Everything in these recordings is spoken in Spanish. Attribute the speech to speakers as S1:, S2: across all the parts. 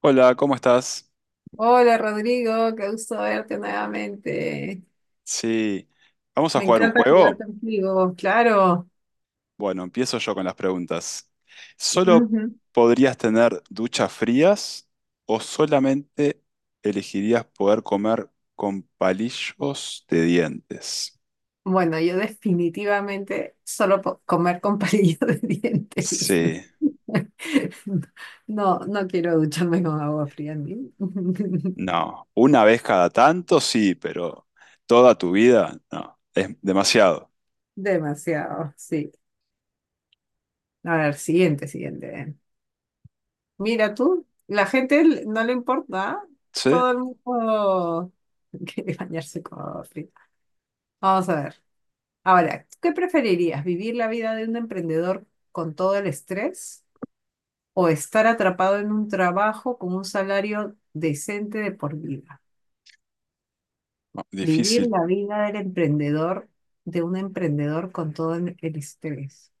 S1: Hola, ¿cómo estás?
S2: Hola Rodrigo, qué gusto verte nuevamente.
S1: Sí, ¿vamos a
S2: Me
S1: jugar un
S2: encanta jugar
S1: juego?
S2: contigo, claro.
S1: Bueno, empiezo yo con las preguntas. ¿Solo
S2: Ujú.
S1: podrías tener duchas frías o solamente elegirías poder comer con palillos de dientes?
S2: Bueno, yo definitivamente solo po- comer con palillos de dientes.
S1: Sí,
S2: No, no quiero ducharme con agua fría ni.
S1: no. Una vez cada tanto, sí, pero toda tu vida, no. Es demasiado.
S2: Demasiado, sí. A ver, siguiente. Mira tú, la gente l- no le importa, ¿ah?
S1: Sí,
S2: Todo el mundo quiere bañarse con agua fría. Vamos a ver. Ahora, ¿qué preferirías? ¿Vivir la vida de un emprendedor con todo el estrés o estar atrapado en un trabajo con un salario decente de por vida? Vivir
S1: difícil.
S2: la vida del emprendedor, de un emprendedor con todo el estrés.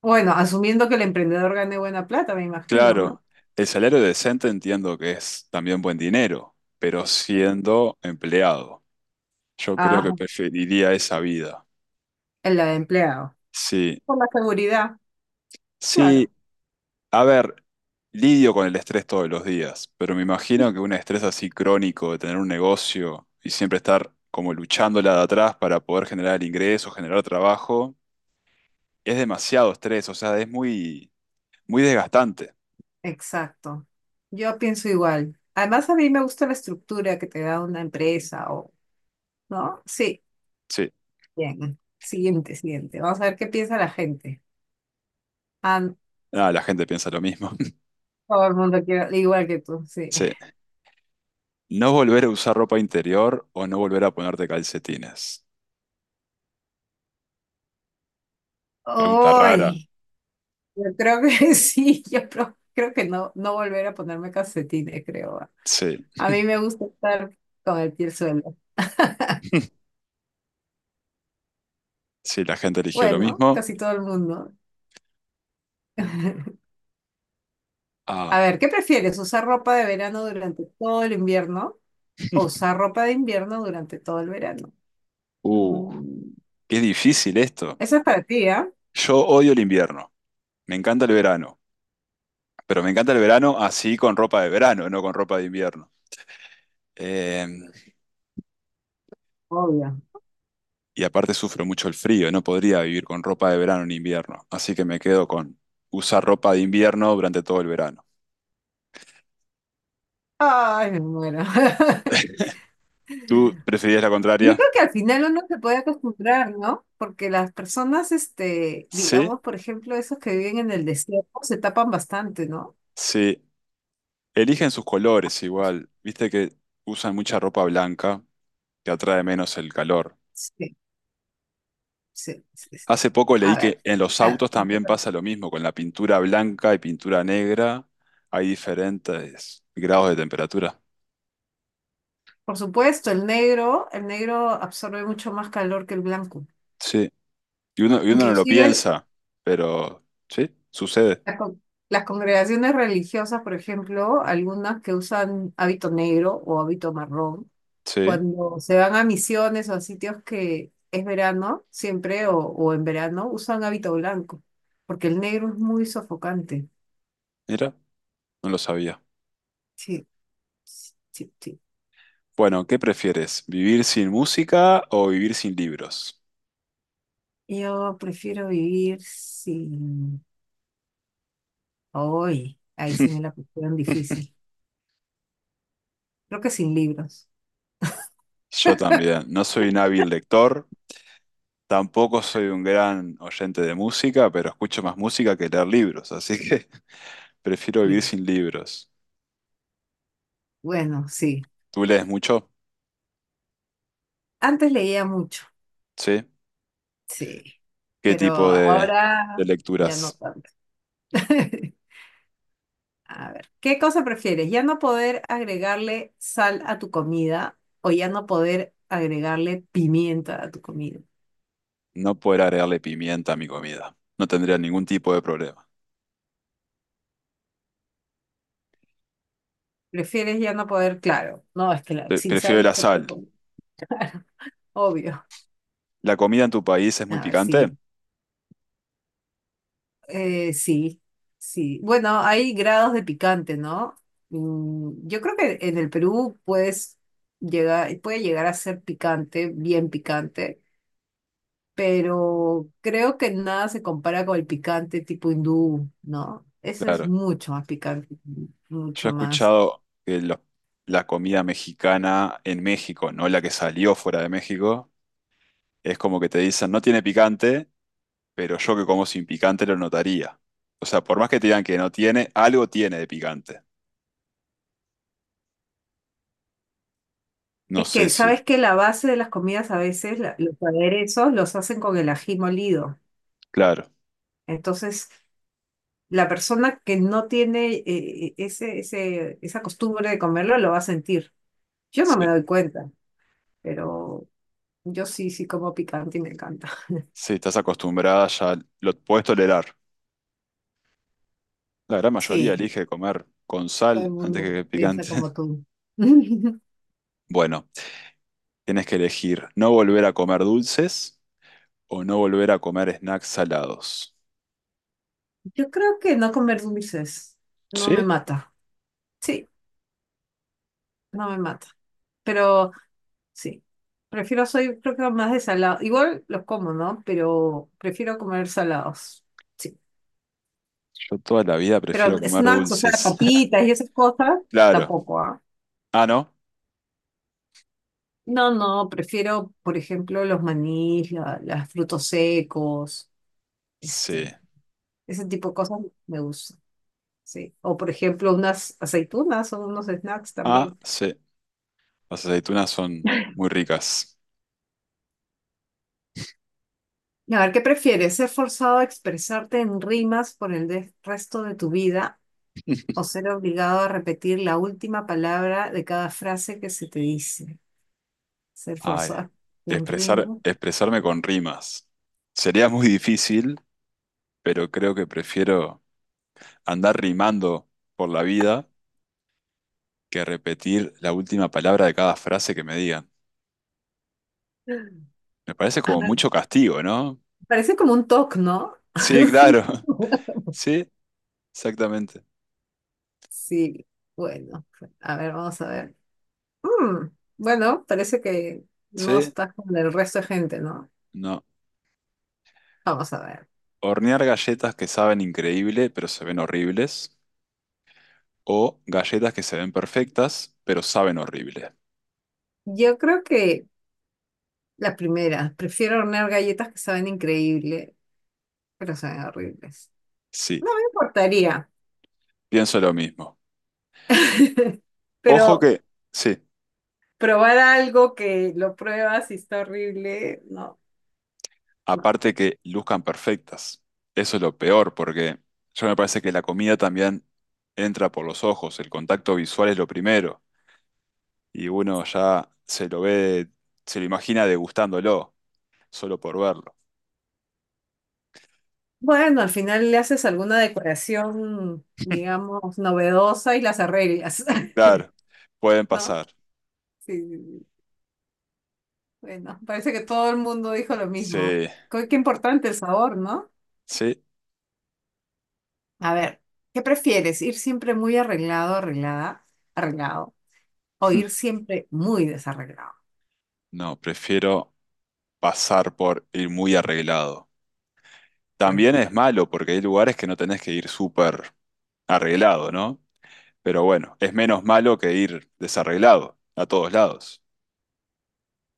S2: Bueno, asumiendo que el emprendedor gane buena plata, me imagino, ¿no?
S1: Claro, el salario decente entiendo que es también buen dinero, pero siendo empleado, yo creo
S2: Ah,
S1: que preferiría esa vida.
S2: el de empleado.
S1: Sí,
S2: Por la seguridad,
S1: sí,
S2: claro.
S1: a ver, lidio con el estrés todos los días, pero me imagino que un estrés así crónico de tener un negocio y siempre estar como luchándola de atrás para poder generar ingresos, generar trabajo, es demasiado estrés, o sea, es muy, muy desgastante.
S2: Exacto. Yo pienso igual. Además, a mí me gusta la estructura que te da una empresa o, ¿no? Sí.
S1: Sí,
S2: Bien, siguiente. Vamos a ver qué piensa la gente. Ah, no,
S1: nada, la gente piensa lo mismo.
S2: todo el mundo quiere, igual que tú, sí.
S1: Sí. No volver a usar ropa interior o no volver a ponerte calcetines. Pregunta rara.
S2: Uy, yo creo que sí, yo pro- creo que no, no volver a ponerme calcetines, creo.
S1: Sí,
S2: A mí me gusta estar con el pie al suelo.
S1: sí, la gente eligió lo
S2: Bueno,
S1: mismo.
S2: casi todo el mundo.
S1: Ah,
S2: A ver, ¿qué prefieres? ¿Usar ropa de verano durante todo el invierno o usar ropa de invierno durante todo el verano?
S1: uh,
S2: Mm,
S1: qué difícil esto.
S2: eso es para ti, ¿ah?
S1: Yo odio el invierno. Me encanta el verano. Pero me encanta el verano así con ropa de verano, no con ropa de invierno. Eh,
S2: Obvio.
S1: y aparte sufro mucho el frío. No podría vivir con ropa de verano en invierno. Así que me quedo con usar ropa de invierno durante todo el verano.
S2: Ay, me muero.
S1: ¿Tú preferías la
S2: Yo
S1: contraria?
S2: creo que al final uno se puede acostumbrar, ¿no? Porque las personas,
S1: Sí,
S2: digamos, por ejemplo, esos que viven en el desierto, se tapan bastante, ¿no?
S1: sí. Eligen sus colores igual. Viste que usan mucha ropa blanca, que atrae menos el calor.
S2: Sí, sí, sí, sí.
S1: Hace poco
S2: A
S1: leí
S2: ver.
S1: que en los
S2: Ah,
S1: autos también pasa lo mismo, con la pintura blanca y pintura negra hay diferentes grados de temperatura.
S2: por supuesto, el negro absorbe mucho más calor que el blanco.
S1: Sí, y uno no lo
S2: Inclusive el-
S1: piensa, pero sí, sucede.
S2: la con- las congregaciones religiosas, por ejemplo, algunas que usan hábito negro o hábito marrón,
S1: Sí,
S2: cuando se van a misiones o a sitios que es verano, siempre o en verano, usan hábito blanco, porque el negro es muy sofocante.
S1: mira, no lo sabía.
S2: Sí, sí, sí. Sí.
S1: Bueno, ¿qué prefieres? ¿Vivir sin música o vivir sin libros?
S2: Yo prefiero vivir sin... Hoy, ahí sí me la pusieron difícil. Creo que sin libros.
S1: Yo también, no soy un hábil lector. Tampoco soy un gran oyente de música, pero escucho más música que leer libros, así que prefiero vivir
S2: Sí.
S1: sin libros.
S2: Bueno, sí.
S1: ¿Tú lees mucho?
S2: Antes leía mucho,
S1: ¿Sí?
S2: sí,
S1: ¿Qué
S2: pero
S1: tipo de
S2: ahora ya no
S1: lecturas?
S2: tanto. A ver, ¿qué cosa prefieres? ¿Ya no poder agregarle sal a tu comida o ya no poder agregarle pimienta a tu comida?
S1: No poder agregarle pimienta a mi comida. No tendría ningún tipo de problema.
S2: ¿Prefieres ya no poder? Claro, no, es que la-
S1: Pre-
S2: sin sal
S1: Prefiero
S2: no
S1: la
S2: se
S1: sal.
S2: puede comer, obvio.
S1: ¿La comida en tu país es muy
S2: A ver,
S1: picante?
S2: sí, sí, sí. Bueno, hay grados de picante, ¿no? Yo creo que en el Perú puede llegar a ser picante, bien picante. Pero creo que nada se compara con el picante tipo hindú, ¿no? Eso es
S1: Claro.
S2: mucho más picante,
S1: Yo he
S2: mucho más.
S1: escuchado que lo- la comida mexicana en México, no la que salió fuera de México, es como que te dicen no tiene picante pero yo que como sin picante lo notaría. O sea, por más que te digan que no tiene, algo tiene de picante. No
S2: Es
S1: sé
S2: que,
S1: si,
S2: ¿sabes que La base de las comidas a veces, la- los aderezos, los hacen con el ají molido.
S1: claro,
S2: Entonces, la persona que no tiene esa costumbre de comerlo lo va a sentir. Yo no me
S1: sí,
S2: doy cuenta, pero yo sí, sí como picante y me encanta.
S1: si estás acostumbrada ya lo puedes tolerar. La gran mayoría
S2: Sí,
S1: elige comer con
S2: todo el
S1: sal antes
S2: mundo
S1: que
S2: piensa
S1: picante.
S2: como tú.
S1: Bueno, tienes que elegir no volver a comer dulces o no volver a comer snacks salados.
S2: Yo creo que no comer dulces no me
S1: ¿Sí?
S2: mata. Sí, no me mata. Pero sí, prefiero, soy creo que más de salado. Igual los como, ¿no? Pero prefiero comer salados. Sí.
S1: Yo toda la vida
S2: Pero
S1: prefiero comer
S2: snacks, o sea,
S1: dulces.
S2: papitas y esas cosas,
S1: Claro.
S2: tampoco, ¿ah?
S1: Ah, ¿no?
S2: No, no, prefiero, por ejemplo, los manís, la- las frutos secos,
S1: Sí.
S2: este, ese tipo de cosas me gusta. Sí. O por ejemplo, unas aceitunas o unos snacks
S1: Ah,
S2: también.
S1: sí. Las aceitunas son muy ricas.
S2: A ver, ¿qué prefieres? ¿Ser forzado a expresarte en rimas por el de- resto de tu vida o ser obligado a repetir la última palabra de cada frase que se te dice? Ser
S1: Ay,
S2: forzado en
S1: expresar,
S2: rima.
S1: expresarme con rimas. Sería muy difícil, pero creo que prefiero andar rimando por la vida que repetir la última palabra de cada frase que me digan. Me parece
S2: Ah,
S1: como mucho castigo, ¿no?
S2: parece como un TOC, ¿no?
S1: Sí, claro. Sí, exactamente.
S2: Sí, bueno, a ver, vamos a ver. Mm, bueno, parece que no
S1: Sí,
S2: estás con el resto de gente, ¿no?
S1: no.
S2: Vamos a ver.
S1: Hornear galletas que saben increíble, pero se ven horribles. O galletas que se ven perfectas, pero saben horrible.
S2: Yo creo que la primera, prefiero hornear galletas que saben increíble, pero saben horribles.
S1: Sí,
S2: No me importaría,
S1: pienso lo mismo. Ojo
S2: pero
S1: que... Sí.
S2: probar algo que lo pruebas y está horrible, no, no.
S1: Aparte que luzcan perfectas. Eso es lo peor, porque yo me parece que la comida también entra por los ojos, el contacto visual es lo primero, y uno ya se lo ve, se lo imagina degustándolo, solo por verlo.
S2: Bueno, al final le haces alguna decoración, digamos, novedosa y las arreglas,
S1: Claro, pueden
S2: ¿no?
S1: pasar.
S2: Sí, sí, sí. Bueno, parece que todo el mundo dijo lo mismo.
S1: Sí,
S2: Qué, qué importante el sabor, ¿no?
S1: sí.
S2: A ver, ¿qué prefieres? ¿Ir siempre muy arreglado, arreglada, arreglado, o ir siempre muy desarreglado?
S1: No, prefiero pasar por ir muy arreglado. También es malo porque hay lugares que no tenés que ir súper arreglado, ¿no? Pero bueno, es menos malo que ir desarreglado a todos lados.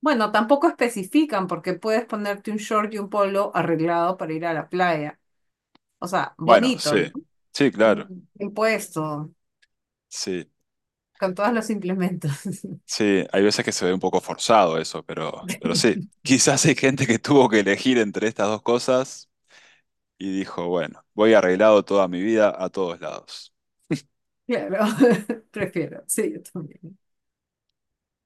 S2: Bueno, tampoco especifican porque puedes ponerte un short y un polo arreglado para ir a la playa. O sea,
S1: Bueno,
S2: bonito,
S1: sí,
S2: ¿no?
S1: sí, claro,
S2: Mm, bien puesto,
S1: sí,
S2: con todos los implementos.
S1: sí, hay veces que se ve un poco forzado eso, pero sí, quizás hay gente que tuvo que elegir entre estas dos cosas y dijo, bueno, voy arreglado toda mi vida a todos lados.
S2: Claro, prefiero, sí, yo también.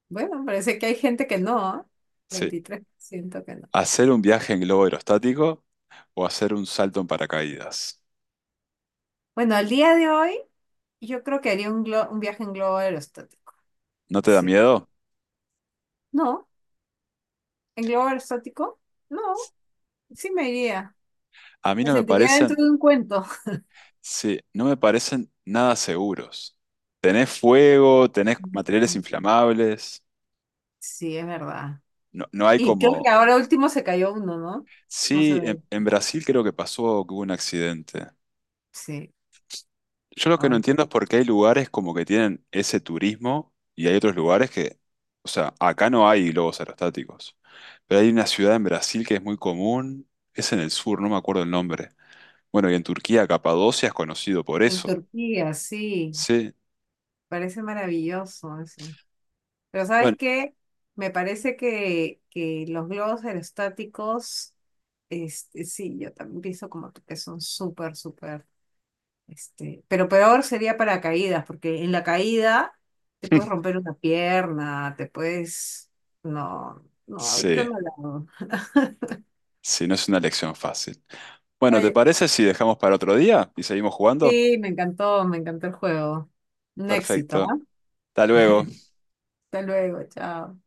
S2: Bueno, parece que hay gente que no, ¿ah?
S1: Sí,
S2: 23% que no.
S1: hacer un viaje en globo aerostático o hacer un salto en paracaídas.
S2: Bueno, al día de hoy, yo creo que haría un, glo- un viaje en globo aerostático.
S1: ¿No te da
S2: Sí.
S1: miedo?
S2: No, en globo aerostático, no, sí me iría.
S1: A mí
S2: Me
S1: no me
S2: sentiría dentro
S1: parecen,
S2: de un cuento.
S1: sí, no me parecen nada seguros. Tenés fuego, tenés materiales
S2: Mm,
S1: inflamables,
S2: sí, es verdad.
S1: no, no hay
S2: Y creo que
S1: como...
S2: ahora último se cayó uno, ¿no? No sé
S1: Sí, en,
S2: dónde.
S1: en Brasil creo que pasó que hubo un accidente.
S2: Sí,
S1: Yo lo que no
S2: ay.
S1: entiendo es por qué hay lugares como que tienen ese turismo y hay otros lugares que, o sea, acá no hay globos aerostáticos, pero hay una ciudad en Brasil que es muy común, es en el sur, no me acuerdo el nombre. Bueno, y en Turquía, Capadocia es conocido por
S2: En
S1: eso.
S2: Turquía, sí.
S1: Sí,
S2: Parece maravilloso eso. Pero ¿sabes
S1: bueno,
S2: qué? Me parece que los globos aerostáticos, sí, yo también pienso como tú, que son súper, súper, pero peor sería para caídas, porque en la caída te puedes romper una pierna, te puedes, no, no, ahorita
S1: sí,
S2: no la hago.
S1: sí, no es una lección fácil. Bueno, ¿te
S2: Oye,
S1: parece si dejamos para otro día y seguimos jugando?
S2: sí, me encantó el juego. Un éxito,
S1: Perfecto.
S2: ¿ah?
S1: Hasta luego.
S2: Hasta luego, chao.